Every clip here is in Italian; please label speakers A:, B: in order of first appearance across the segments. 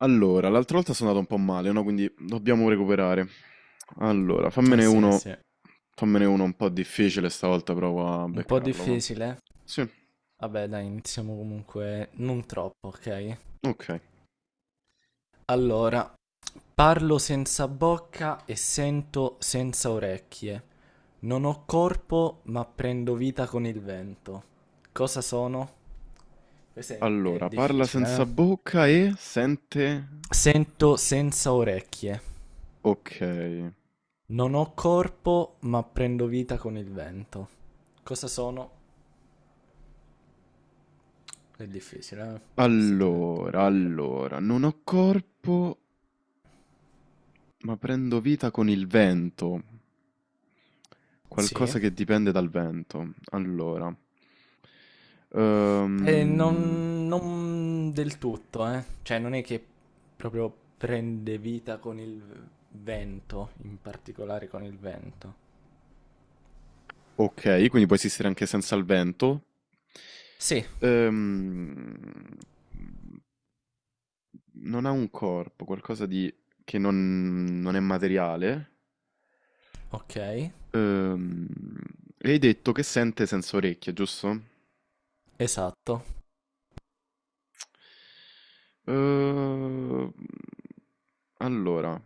A: Allora, l'altra volta sono andato un po' male, no? Quindi dobbiamo recuperare. Allora,
B: Eh sì, eh sì.
A: fammene uno un po' difficile, stavolta provo a
B: Un po'
A: beccarlo. Va.
B: difficile.
A: Sì,
B: Vabbè, dai, iniziamo comunque non troppo, ok?
A: ok.
B: Allora, parlo senza bocca e sento senza orecchie. Non ho corpo, ma prendo vita con il vento. Cosa sono? Questo è
A: Allora, parla
B: difficile,
A: senza
B: eh?
A: bocca e sente...
B: Sento senza orecchie.
A: Ok.
B: Non ho corpo, ma prendo vita con il vento. Cosa sono? È difficile, eh? Questo te lo
A: Allora,
B: devo dire.
A: non ho corpo, ma prendo vita con il vento.
B: Sì.
A: Qualcosa che dipende dal vento. Allora. Ehm,
B: Non del tutto, eh. Cioè, non è che proprio prende vita con il vento, in particolare con il vento.
A: Ok, quindi può esistere anche senza il vento.
B: Sì,
A: Ehm, non ha un corpo, qualcosa di... che non è materiale.
B: ok,
A: Ehm, e hai detto che sente senza orecchie, giusto?
B: esatto.
A: Ehm, allora,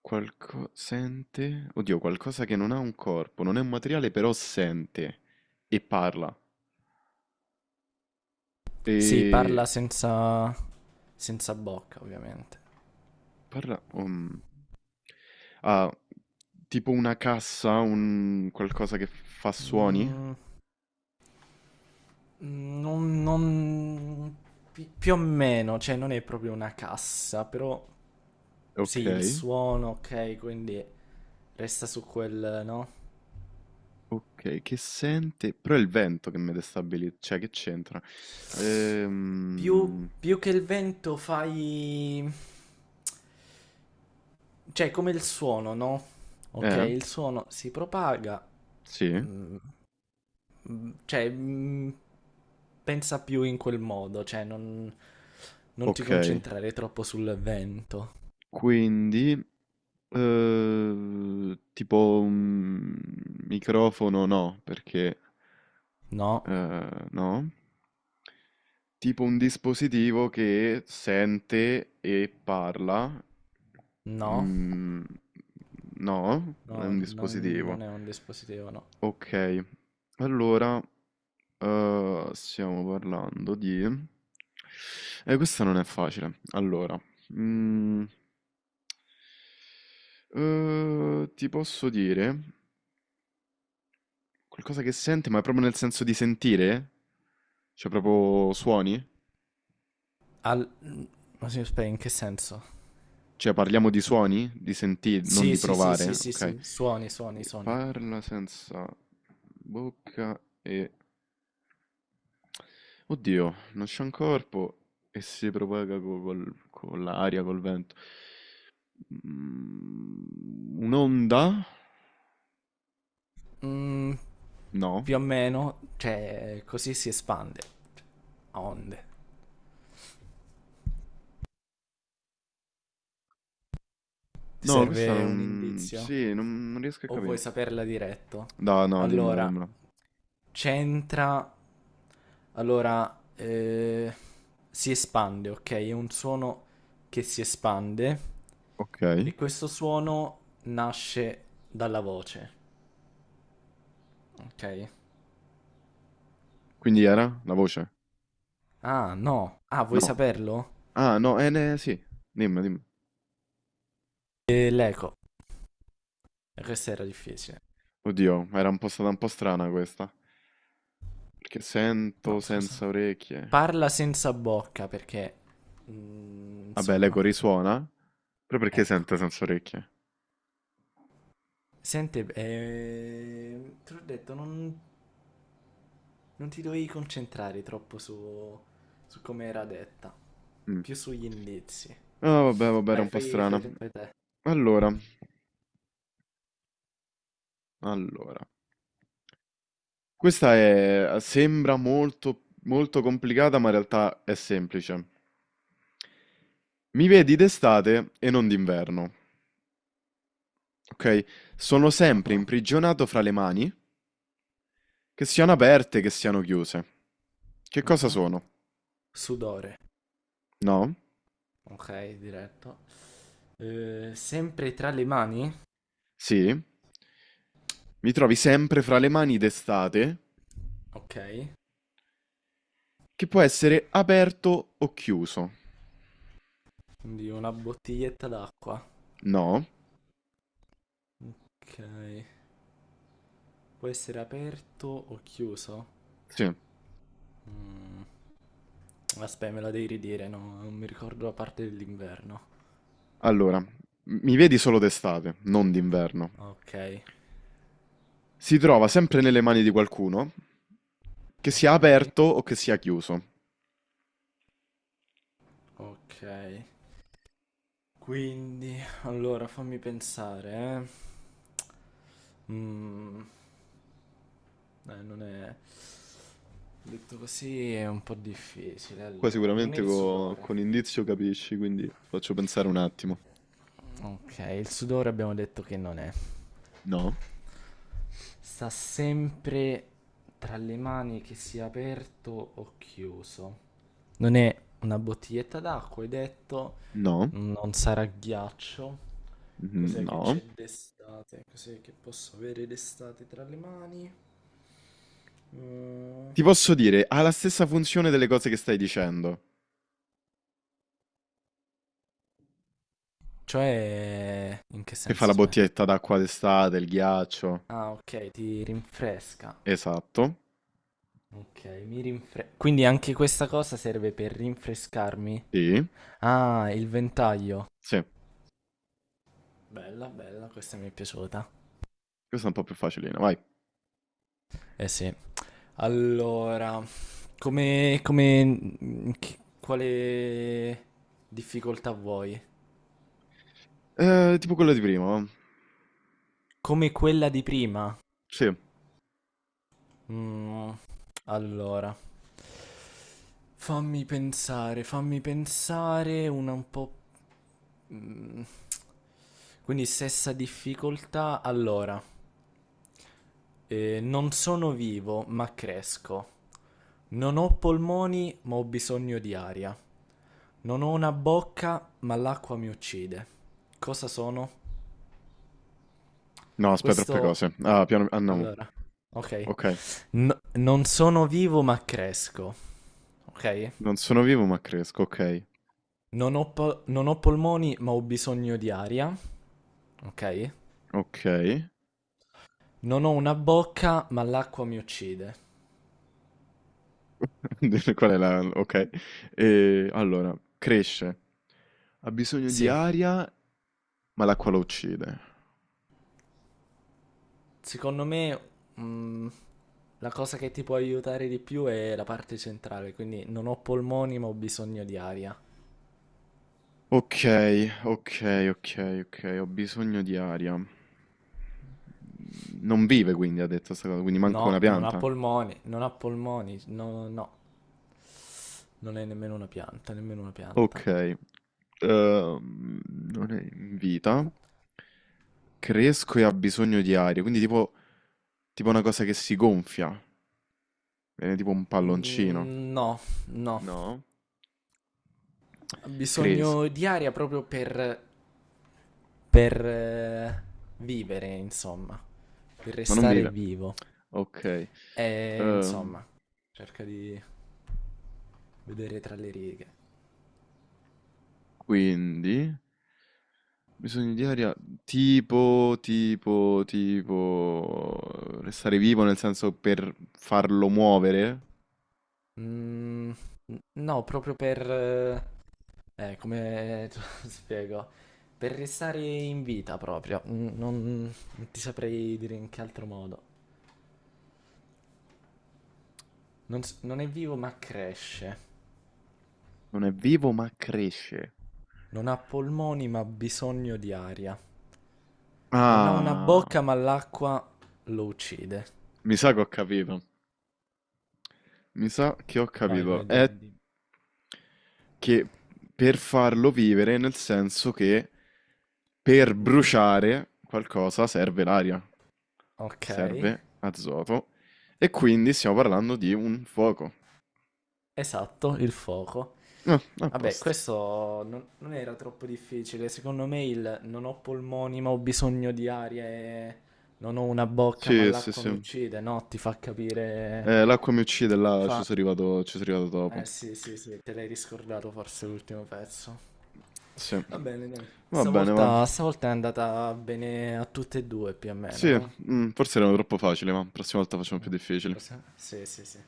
A: qualcosa... sente... Oddio, qualcosa che non ha un corpo, non è un materiale, però sente e parla.
B: Sì,
A: E...
B: parla senza bocca, ovviamente.
A: Parla ha tipo una cassa, un qualcosa che fa suoni?
B: Mm, non, non- Più o meno, cioè, non è proprio una cassa, però sì, il
A: Okay.
B: suono, ok, quindi resta su quel, no?
A: Okay, che sente però è il vento che mi destabiliz cioè che c'entra?
B: Più,
A: Ehm,
B: più che il vento fai... Cioè, come il suono, no? Ok,
A: eh,
B: il suono si propaga,
A: sì,
B: mm, cioè, pensa più in quel modo, cioè, non ti
A: okay.
B: concentrare troppo sul vento.
A: Quindi, tipo, microfono no, perché,
B: No,
A: no? Tipo un dispositivo che sente e parla.
B: no,
A: Mm, no, non è
B: no,
A: un
B: non,
A: dispositivo.
B: non è un dispositivo, no.
A: Ok, allora stiamo parlando di... questa non è facile. Allora, mm, ti posso dire qualcosa che sente, ma è proprio nel senso di sentire? Cioè proprio suoni?
B: Al... mm, Ma sì, aspetta, in che senso?
A: Cioè parliamo di suoni, di sentire, non
B: Sì,
A: di
B: sì, sì, sì,
A: provare,
B: sì,
A: ok?
B: sì, suoni, suoni,
A: Quindi
B: suoni.
A: parla senza bocca e... Oddio, non c'è un corpo e si propaga co- col- con l'aria, col vento. Mm, un'onda?
B: Mm,
A: No.
B: Più o meno, cioè, così si espande. A onde. Ti
A: No, questa
B: serve un
A: non...
B: indizio?
A: Sì, non riesco a
B: O vuoi
A: capire.
B: saperla diretto?
A: No, no, dimmela,
B: Allora,
A: dimmela.
B: c'entra. Allora, si espande, ok? È un suono che si espande
A: Ok.
B: e questo suono nasce dalla voce, ok?
A: Quindi era la voce?
B: Ah, no. Ah, vuoi
A: No.
B: saperlo?
A: Ah, no, ne- sì. Dimmi, dimmi.
B: L'eco. Questa era difficile.
A: Oddio, era un po' stata un po' strana questa. Perché
B: No,
A: sento senza
B: scusa.
A: orecchie.
B: Parla senza bocca perché...
A: Vabbè, l'eco
B: insomma,
A: risuona. Però perché
B: ecco.
A: sente senza orecchie?
B: Senti, ti ho detto, non... Non ti dovevi concentrare troppo su come era detta,
A: Mm.
B: più sugli indizi.
A: Ah, vabbè, vabbè, era
B: Dai,
A: un po'
B: fai, fai
A: strana.
B: te. Fai te.
A: Allora, allora. Questa è, sembra molto, molto complicata, ma in realtà è semplice. Mi vedi d'estate e non d'inverno, ok? Sono sempre
B: Mhm,
A: imprigionato fra le mani, che siano aperte, che siano chiuse. Che cosa
B: mhm.
A: sono?
B: Sudore,
A: No?
B: ok, diretto. Sempre tra le mani?
A: Sì? Mi trovi sempre fra le mani d'estate,
B: Ok,
A: che può essere aperto o chiuso.
B: quindi una bottiglietta d'acqua.
A: No?
B: Ok, può essere aperto o chiuso?
A: Sì.
B: Mm, Aspetta, me la devi ridire, no? Non mi ricordo la parte dell'inverno.
A: Allora, m- mi vedi solo d'estate, non d'inverno.
B: Ok,
A: Si trova sempre nelle mani di qualcuno, che sia
B: ok,
A: aperto o che sia chiuso.
B: ok. Quindi, allora fammi pensare, eh. Mm, Non è... Detto così è un po' difficile,
A: Qua
B: allora. Non è
A: sicuramente
B: il
A: co-
B: sudore.
A: con indizio capisci, quindi faccio pensare un attimo.
B: Ok, il sudore abbiamo detto che non è.
A: No?
B: Sta sempre tra le mani che sia aperto o chiuso. Non è una bottiglietta d'acqua, hai detto.
A: No?
B: Non sarà ghiaccio.
A: Mm,
B: Cos'è che
A: no?
B: c'è d'estate? Cos'è che posso avere d'estate tra le mani? Mm.
A: Ti posso dire, ha la stessa funzione delle cose che stai dicendo,
B: Cioè, in che
A: che fa
B: senso?
A: la
B: Aspetta.
A: bottiglietta d'acqua d'estate, il ghiaccio.
B: Ah, ok, ti rinfresca.
A: Esatto.
B: Ok, quindi anche questa cosa serve per rinfrescarmi.
A: Sì,
B: Ah, il ventaglio.
A: sì,
B: Bella, bella, questa mi è piaciuta.
A: questa è un po' più facilina, vai.
B: Eh sì. Allora, come, quale difficoltà vuoi?
A: Tipo quella di prima, va?
B: Come quella di prima?
A: Sì.
B: Mm, allora, fammi pensare una un po'... mm, Quindi stessa difficoltà. Allora, non sono vivo, ma cresco. Non ho polmoni, ma ho bisogno di aria. Non ho una bocca, ma l'acqua mi uccide. Cosa sono?
A: No, aspetta, troppe
B: Questo...
A: cose. Ah, piano... Ah, no.
B: Allora, ok.
A: Ok.
B: Non sono vivo, ma cresco. Ok?
A: Non sono vivo ma cresco, ok.
B: Non ho polmoni, ma ho bisogno di aria. Ok?
A: Ok.
B: Non ho una bocca, ma l'acqua mi uccide.
A: Qual è la... Ok. E, allora, cresce. Ha bisogno di
B: Sì.
A: aria, ma l'acqua la uccide.
B: Secondo me, mm, la cosa che ti può aiutare di più è la parte centrale, quindi non ho polmoni ma ho bisogno di aria.
A: Ok, ok, ok, ok. Ho bisogno di aria. Non vive, quindi, ha detto sta cosa, quindi manco una
B: No, non ha
A: pianta.
B: polmoni, non ha polmoni, no, no, non è nemmeno una pianta, nemmeno una pianta.
A: Ok. Non è in vita. Cresco e ha bisogno di aria, quindi tipo, tipo una cosa che si gonfia, viene tipo un palloncino.
B: No, no,
A: No?
B: ha
A: Cresco,
B: bisogno di aria proprio per vivere, insomma, per
A: ma non
B: restare
A: vive.
B: vivo.
A: Ok.
B: E
A: Ehm,
B: insomma, cerca di vedere tra le righe.
A: quindi, bisogno di aria tipo, tipo, tipo... Restare vivo nel senso per farlo muovere.
B: Mm, no, proprio per... come te lo spiego? Per restare in vita proprio. Non ti saprei dire in che altro modo. Non è vivo ma cresce.
A: Non è vivo ma cresce.
B: Non ha polmoni ma ha bisogno di aria. Non ha una
A: Ah,
B: bocca ma l'acqua lo uccide.
A: mi sa che ho capito. Mi sa che ho
B: Vai, vai,
A: capito. È
B: dimmi, dimmi.
A: che per farlo vivere, nel senso che per
B: Mhm.
A: bruciare qualcosa serve l'aria,
B: Ok,
A: serve azoto, e quindi stiamo parlando di un fuoco.
B: esatto, il fuoco.
A: Ah, a
B: Vabbè,
A: posto.
B: questo non era troppo difficile. Secondo me il non ho polmoni ma ho bisogno di aria e non ho una bocca ma
A: Sì, sì,
B: l'acqua mi
A: sì.
B: uccide, no? Ti fa capire...
A: L'acqua mi uccide,
B: Ti
A: là
B: fa...
A: ci sono arrivato dopo.
B: Eh sì, sì, sì, te l'hai riscordato forse l'ultimo pezzo.
A: Sì.
B: Va bene, dai.
A: Va bene, va.
B: Stavolta, stavolta è andata bene a tutte e due più o
A: Sì,
B: meno, eh?
A: mm, forse erano troppo facili, ma la prossima volta facciamo più
B: No.
A: difficili.
B: Sì, sì, sì.